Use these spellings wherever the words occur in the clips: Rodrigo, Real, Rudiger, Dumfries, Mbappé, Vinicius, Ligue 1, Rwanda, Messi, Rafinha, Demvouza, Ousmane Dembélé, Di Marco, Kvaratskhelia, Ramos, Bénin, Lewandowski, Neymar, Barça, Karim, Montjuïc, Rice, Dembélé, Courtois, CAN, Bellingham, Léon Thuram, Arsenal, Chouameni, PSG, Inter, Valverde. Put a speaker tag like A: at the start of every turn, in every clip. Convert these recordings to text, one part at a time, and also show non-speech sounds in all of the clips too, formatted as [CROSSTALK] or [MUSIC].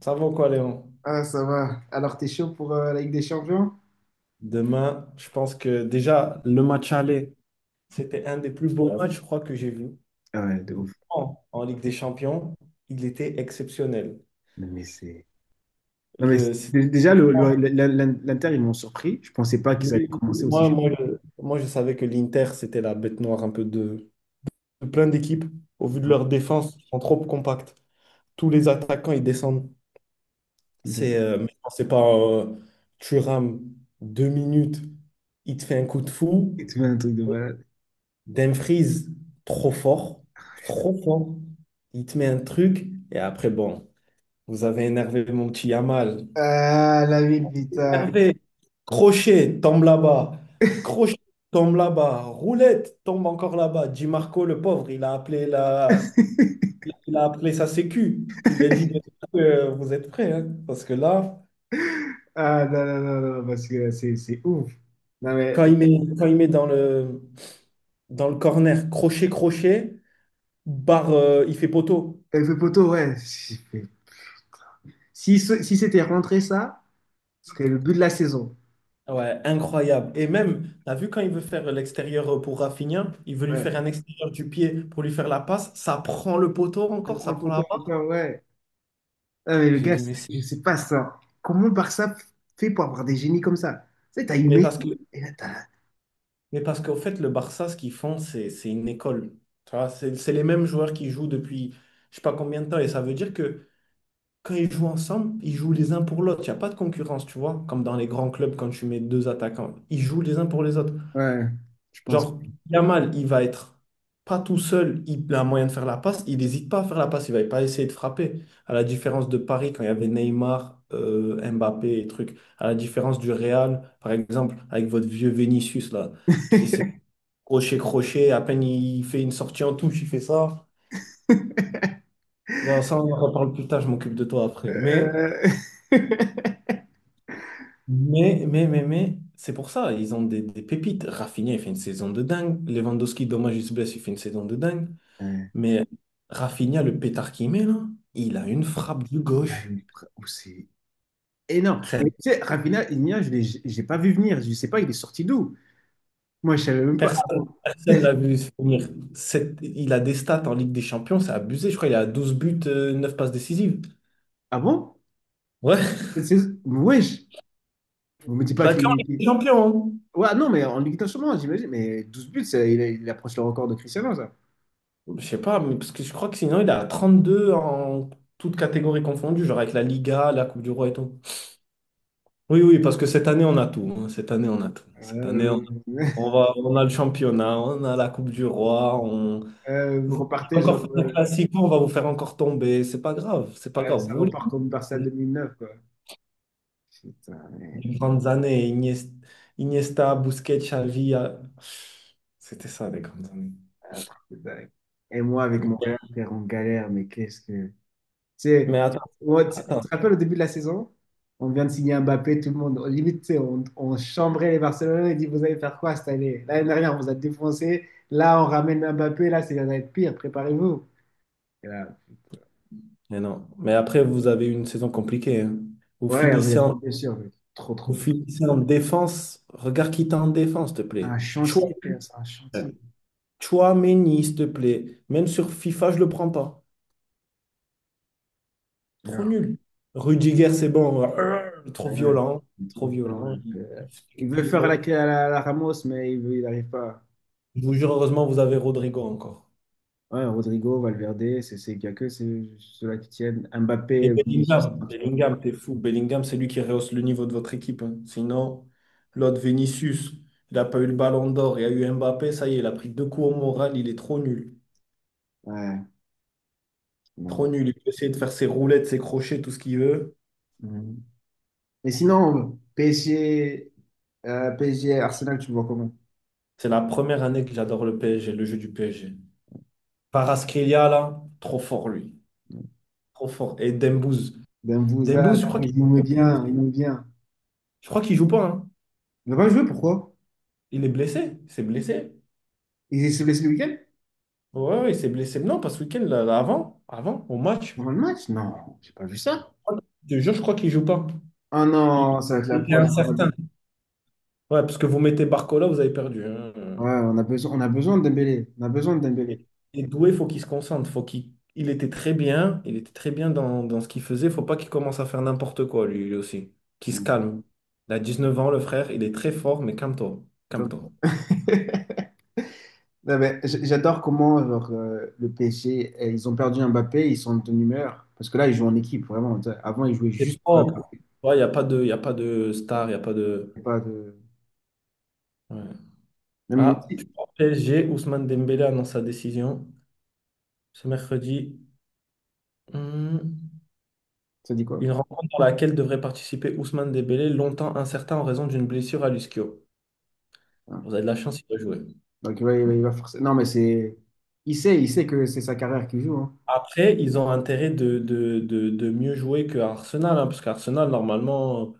A: Ça va quoi, Léon?
B: Ah, ça va. Alors, t'es chaud pour la Ligue des Champions?
A: Demain, je pense que déjà, le match aller, c'était un des plus beaux matchs, je crois, que j'ai vu
B: Ah ouais, de ouf.
A: en Ligue des Champions. Il était exceptionnel.
B: Non, mais c'est... Non, mais
A: Le- c'est-
B: déjà, l'Inter, ils m'ont surpris. Je pensais pas qu'ils allaient commencer aussi
A: moi,
B: chaud.
A: moi, je moi, je savais que l'Inter, c'était la bête noire un peu de plein d'équipes. Au vu de leur défense, ils sont trop compacts. Tous les attaquants, ils descendent.
B: Ok.
A: Mais non, c'est pas Thuram, 2 minutes, il te fait un coup de fou.
B: Et tu fais un truc de malade.
A: Dumfries, trop fort, trop fort. Il te met un truc et après, bon, vous avez énervé mon petit Yamal.
B: Ah, la ville, putain.
A: Énervé, crochet, tombe là-bas. Crochet, tombe là-bas. Roulette, tombe encore là-bas. Di Marco, le pauvre, il a appelé sa sécu. Il a dit vous êtes prêts, hein? Parce que là,
B: Ah, non, non, non, non, parce que c'est ouf. Non, mais
A: quand il met, quand il met dans dans le corner, crochet, crochet, barre, il fait poteau.
B: avec le poteau, ouais. Si, si c'était rentré ça, ce serait le but de la saison.
A: Ouais, incroyable. Et même, t'as vu quand il veut faire l'extérieur pour Rafinha, il veut lui faire
B: Ouais.
A: un extérieur du pied pour lui faire la passe, ça prend le poteau
B: Ça
A: encore,
B: prend
A: ça
B: le
A: prend la
B: poteau
A: barre.
B: encore, ouais. Ah, mais le
A: J'ai
B: gars,
A: dit, mais, c'est-
B: je sais pas ça. Comment Barça fait pour avoir des génies comme ça? Tu sais, t'as eu
A: mais parce que,
B: Messi et là t'as.
A: mais parce qu'au fait, le Barça, ce qu'ils font, c'est une école. Tu vois, c'est les mêmes joueurs qui jouent depuis je sais pas combien de temps. Et ça veut dire que quand ils jouent ensemble, ils jouent les uns pour l'autre. Il n'y a pas de concurrence, tu vois, comme dans les grands clubs quand tu mets deux attaquants. Ils jouent les uns pour les autres.
B: Ouais, je pense.
A: Genre, Yamal, il va être pas tout seul, il a moyen de faire la passe, il n'hésite pas à faire la passe, il va pas essayer de frapper. À la différence de Paris, quand il y avait Neymar, Mbappé et trucs, à la différence du Real, par exemple, avec votre vieux Vinicius là, qui essaie de crocher, crocher, à peine il fait une sortie en touche, il fait ça. Bon, ça, on en reparle plus tard, je m'occupe de toi après. Mais,
B: Euh... [LAUGHS]
A: mais, mais, mais, mais, c'est pour ça, ils ont des pépites. Rafinha, il fait une saison de dingue. Lewandowski, dommage, il se blesse, il fait une saison de dingue.
B: Ouais.
A: Mais Rafinha, le pétard qu'il met, là, il a une frappe de
B: Là,
A: gauche.
B: oh, c'est énorme.
A: Frère,
B: Mais tu sais, Rafinha, Iñigo, je l'ai j'ai pas vu venir. Je sais pas, il est sorti d'où? Moi, je savais même pas. Ah bon?
A: Personne l'a vu se finir. Il a des stats en Ligue des Champions, c'est abusé. Je crois qu'il a 12 buts, 9 passes décisives.
B: Ah bon?
A: Ouais,
B: Wesh! Vous me dites pas
A: la queue en
B: qu'il.
A: Ligue des Champions,
B: Ouais, non, mais en Ligue 1 sûrement, j'imagine. Mais 12 buts, ça, il approche le record de Cristiano, ça.
A: hein. Je sais pas, mais parce que je crois que sinon, il a 32 en toutes catégories confondues, genre avec la Liga, la Coupe du Roi et tout. Oui, oui, parce que cette année, on a tout, hein. Cette année, on a tout. Cette année,
B: Euh, [LAUGHS]
A: on a le championnat, on a la Coupe du Roi,
B: vous
A: vous voulez
B: repartez
A: encore
B: genre.
A: faire un classico, on va vous faire encore tomber. C'est pas grave, c'est pas
B: Ouais,
A: grave.
B: ça
A: Vous voulez
B: repart comme Barça
A: des
B: 2009, quoi. Putain, mais
A: grandes années, Iniesta, Busquets, Xavi. C'était ça, les grandes années.
B: un truc de dingue. Et moi, avec mon frère, frère, on galère, mais qu'est-ce que... Tu
A: Mais
B: sais,
A: attends,
B: moi, tu
A: attends.
B: te rappelles au début de la saison, on vient de signer Mbappé, tout le monde, limite, tu sais, on chambrait les Barcelonais, on dit, vous allez faire quoi cette année? L'année dernière, on vous a défoncé, là, on ramène Mbappé, là, ça va être pire, préparez-vous. Et là,
A: Mais non. Mais après, vous avez eu une saison compliquée, hein. Vous
B: ouais, il y a
A: finissez
B: trop
A: en,
B: de blessures, mec. Trop, trop
A: vous
B: de blessures.
A: finissez en défense. Regarde qui t'a en défense, s'il te
B: C'est un
A: plaît.
B: chantier, frère, c'est un chantier.
A: Chouameni, s'il te plaît. Même sur FIFA, je le prends pas. Trop nul. Rudiger, c'est bon. Trop
B: Ouais,
A: violent.
B: il est
A: Trop
B: trop fort,
A: violent. Il
B: ouais.
A: il
B: Il
A: fait
B: veut
A: des
B: faire la,
A: fautes.
B: la- la Ramos, mais il veut, il n'arrive pas.
A: Je vous jure, heureusement, vous avez Rodrigo encore.
B: Ouais, Rodrigo, Valverde, il n'y a que ceux-là qui tiennent.
A: Et
B: Mbappé, Vinicius, ça
A: Bellingham.
B: marche pas.
A: Bellingham, t'es fou. Bellingham, c'est lui qui rehausse le niveau de votre équipe, hein. Sinon, l'autre Vinicius, il n'a pas eu le ballon d'or. Il y a eu Mbappé. Ça y est, il a pris deux coups au moral. Il est trop nul.
B: Ouais, non.
A: Trop nul. Il peut essayer de faire ses roulettes, ses crochets, tout ce qu'il veut.
B: Mhm. Et sinon, PSG, PSG, Arsenal, tu le vois comment?
A: C'est la première année que j'adore le PSG, le jeu du PSG. Kvaratskhelia, là, trop fort, lui. Trop fort. Et Dembouz.
B: Demvouza,
A: Dembouz, je crois
B: Demvouza, il nous met bien, il nous met bien.
A: Je crois qu'il joue pas, hein.
B: Il va pas jouer, pourquoi?
A: Il est blessé. Il s'est blessé.
B: Il se blesse le week-end?
A: Ouais, ouais, il s'est blessé. Non, pas ce week-end, avant, au
B: Dans
A: match.
B: le match? Non, j'ai pas vu ça.
A: Je te jure, je crois qu'il joue pas.
B: Ah
A: Il
B: non, ça va être la
A: il était
B: poisse.
A: incertain. Ouais, parce que vous mettez Barcola, vous avez perdu, hein.
B: Ouais, on a besoin de Dembélé. On a besoin de Dembélé.
A: Et Doué, faut qu'il se concentre. Il était très bien. Il était très bien dans ce qu'il faisait. Faut pas qu'il commence à faire n'importe quoi, lui aussi. Qu'il se
B: Mhm.
A: calme. Il a 19 ans, le frère. Il est très fort, mais calme-toi. Calme-toi.
B: [LAUGHS] Ouais, mais J'adore comment genre, le PSG, eh, ils ont perdu Mbappé, ils sont de bonne humeur. Parce que là, ils jouent en équipe, vraiment. Tu sais, avant, ils jouaient
A: C'est
B: juste pour
A: propre.
B: Mbappé.
A: Il n'y a pas de, y a pas de star, il n'y a pas de.
B: C'est pas de...
A: Ouais.
B: Même
A: Ah, tu
B: Messi,
A: vois, PSG, Ousmane Dembélé annonce sa décision ce mercredi. Hmm.
B: ça dit quoi?
A: Une rencontre dans laquelle devrait participer Ousmane Dembélé, longtemps incertain en raison d'une blessure à l'ischio.
B: Hein.
A: Vous avez de la chance, il va jouer.
B: Non, mais c'est... Il sait que c'est sa carrière qui joue. Hein.
A: Après, ils ont intérêt de mieux jouer que Arsenal, hein, parce qu'Arsenal, normalement,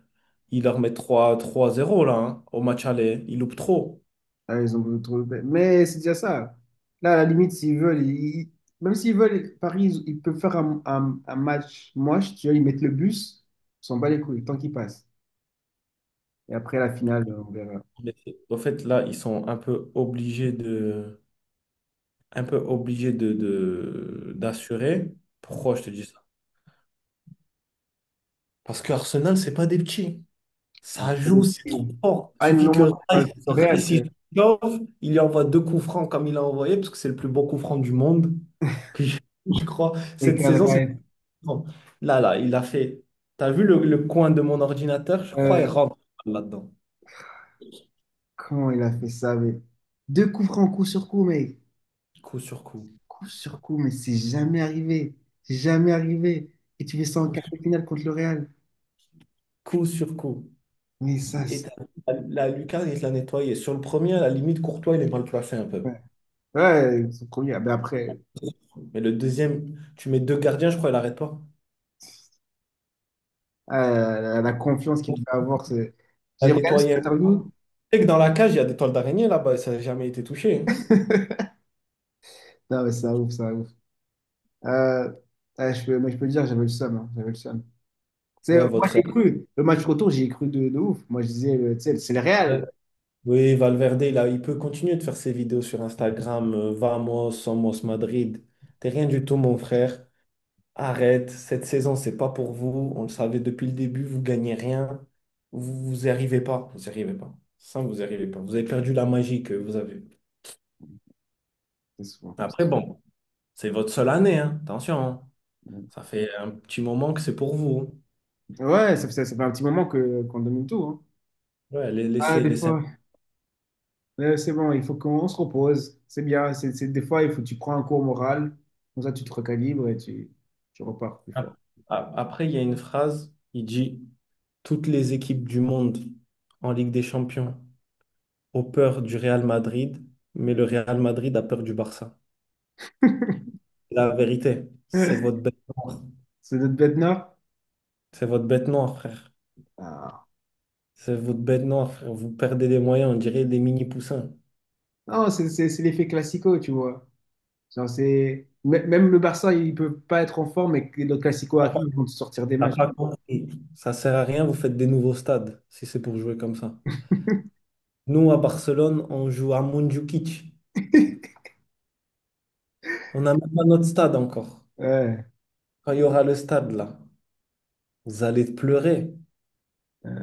A: ils leur mettent trois trois zéro là, hein, au match aller. Ils loupent trop.
B: Là, ils ont voulu trouver- Mais c'est déjà ça. Là, à la limite, s'ils veulent, même s'ils veulent, Paris, ils peuvent faire un, un match moche. Tu vois, ils mettent le bus, ils s'en bat les couilles, tant qu'ils passent. Et après, la finale, on verra.
A: Mais au fait, là, ils sont un peu obligés d'assurer. Pourquoi je te dis ça? Parce que Arsenal, c'est pas des petits.
B: Productive.
A: Ça
B: Ah,
A: joue, c'est trop
B: Productivo.
A: fort. Il
B: Ay,
A: suffit
B: no me
A: que
B: acuerdo eso real,
A: Rice,
B: que
A: il chauffe, il lui envoie deux coups francs comme il a envoyé, parce que c'est le plus bon coup franc du monde. Que je [LAUGHS] je crois, cette saison, c'est le plus
B: caer.
A: grand. Là, il a fait. T'as vu le coin de mon ordinateur? Je crois il rentre là-dedans.
B: Comment il a fait ça, mais deux coups francs, coup sur coup, mais
A: Coup sur coup.
B: coup sur coup, mais c'est jamais arrivé. C'est jamais arrivé. Et tu fais ça en
A: Coup
B: quart
A: sur
B: de finale contre le Real.
A: coup. Sur coup.
B: Mais ça,
A: Et
B: c'est-
A: t'as vu, la lucarne, il l'a nettoyé. Sur le premier, à la limite, Courtois, il est mal placé un peu.
B: ouais, son premier. Ah, ben après,
A: Mais le deuxième, tu mets deux gardiens, je crois, il arrête pas.
B: ah, la, confiance qu'il
A: Il
B: devait avoir. C'est-
A: l'a
B: J'ai regardé son
A: nettoyé.
B: interview.
A: Sais que dans la cage, il y a des toiles d'araignée là-bas et ça n'a jamais été touché, hein.
B: Non, mais c'est un ouf, c'est un ouf. Euh, ah, je peux, mais je peux te dire, j'avais le seum. Hein, j'avais le seum. Tu sais,
A: Ouais,
B: moi, j'ai
A: votre.
B: cru. Le match retour, j'ai cru de ouf. Moi, je disais, tu sais, c'est le Real.
A: Euh, Oui, Valverde, là, il peut continuer de faire ses vidéos sur Instagram. Vamos, somos Madrid. T'es rien du tout, mon frère. Arrête. Cette saison, c'est pas pour vous. On le savait depuis le début. Vous gagnez rien. Vous, vous y arrivez pas. Vous y arrivez pas. Ça, vous y arrivez pas. Vous avez perdu la magie que vous avez.
B: C'est souvent comme ça.
A: Après, bon, c'est votre seule année, hein. Attention, hein. Ça fait un petit moment que c'est pour vous, hein.
B: Ouais, ça fait un petit moment que qu'on domine tout. Hein.
A: Ouais,
B: Ah,
A: laissez,
B: des
A: laissez.
B: fois, c'est bon, il faut qu'on se repose. C'est bien. Des fois, il faut tu prends un cours moral. Comme ça, tu, te recalibres et tu repars plus fort.
A: Après, il y a une phrase, il dit, toutes les équipes du monde en Ligue des Champions ont peur du Real Madrid, mais le Real Madrid a peur du Barça. La vérité, c'est
B: [LAUGHS]
A: votre bête noire.
B: C'est notre bête nord?
A: C'est votre bête noire, frère.
B: Ah.
A: C'est votre bête noire, frère. Vous perdez des moyens, on dirait des mini-poussins.
B: Non, c'est l'effet classico, tu vois. Genre, Même le Barça, il peut pas être en forme et que le classico
A: T'as pas
B: arrive, ils vont te sortir des
A: t'as
B: matchs.
A: pas compris. Ça sert à rien, vous faites des nouveaux stades si c'est pour jouer comme ça. Nous, à Barcelone, on joue à Montjuïc.
B: [LAUGHS]
A: On n'a même pas notre stade encore.
B: Ouais,
A: Quand il y aura le stade, là, vous allez pleurer.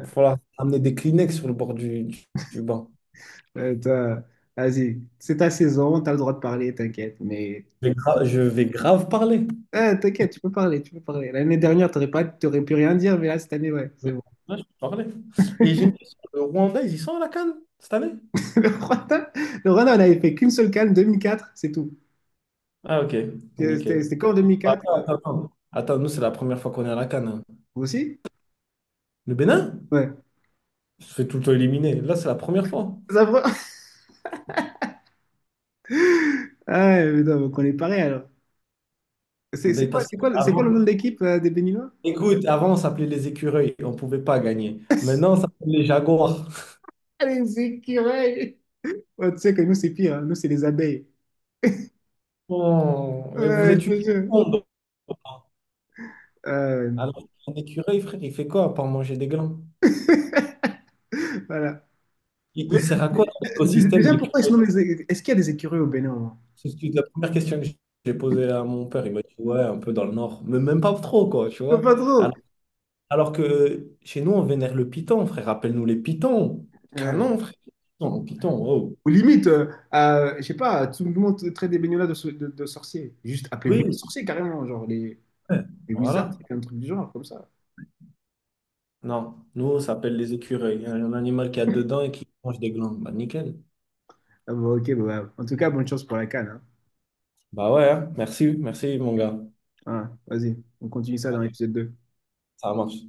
A: Il va falloir amener des Kleenex sur le bord du banc.
B: ouais, toi, vas-y. C'est ta saison, t'as le droit de parler, t'inquiète. Mais
A: Je vais grave parler.
B: ah, t'inquiète, tu peux parler, tu peux parler. L'année dernière, t'aurais pu rien dire, mais là, cette année, ouais, c'est bon.
A: Là, je vais parler. Et j'ai une question. Le Rwanda, ils y sont à la CAN cette année?
B: [LAUGHS] Le Rwanda, le Rwanda, on avait fait qu'une seule CAN, 2004, c'est tout.
A: Ah, ok.
B: C'était
A: Nickel.
B: c'était qu'en
A: Bah,
B: 2004.
A: attends, attends. Attends, nous, c'est la première fois qu'on est à la CAN, hein.
B: Vous aussi?
A: Le Bénin?
B: Ouais.
A: On se fait tout le temps éliminer. Là, c'est la première fois.
B: Ça va. [LAUGHS] Ah, ouais, mais non, donc on est pareil, alors. C'est c'est
A: Mais
B: quoi,
A: parce
B: c'est
A: que
B: quoi, c'est quoi le
A: avant,
B: nom de l'équipe des Béninois?
A: écoute, avant, on s'appelait les écureuils. On ne pouvait pas gagner. Maintenant, on s'appelle les jaguars.
B: Ah, les écureuils. Ouais, tu sais que nous, c'est pire, hein. Nous, c'est les abeilles.
A: Oh, mais vous
B: Ouais, je
A: êtes une
B: te jure.
A: honte.
B: Euh,
A: Alors, un écureuil, frère, il fait quoi à part manger des glands?
B: [LAUGHS] voilà. Mais,
A: Il sert à quoi dans l'écosystème
B: déjà,
A: les
B: pourquoi ils se
A: curieux?
B: nomment est-ce qu'il y a des écureuils au Bénin, au moins?
A: La première question que j'ai posée à mon père. Il m'a dit, ouais, un peu dans le nord. Mais même pas trop, quoi, tu vois.
B: Pas trop.
A: Alors, alors que chez nous, on vénère le python, frère. Rappelle-nous les pythons. Canon, frère. Python, python, wow.
B: Ou limite, je sais pas, tout le monde traite des baignolas de sorciers. Juste appelez-vous les
A: Oui,
B: sorciers carrément, genre les,
A: ouais,
B: les wizards,
A: voilà.
B: un truc du genre, comme ça.
A: Non, nous, ça s'appelle les écureuils. Il y a un animal qui a dedans et qui mange des glandes. Bah, nickel.
B: Ah bon, ok, bon, ouais. En tout cas, bonne chance pour la canne. Hein.
A: Bah ouais, hein. Merci, merci, mon gars.
B: Ah, vas-y, on continue ça dans
A: Ok,
B: l'épisode 2.
A: ça marche.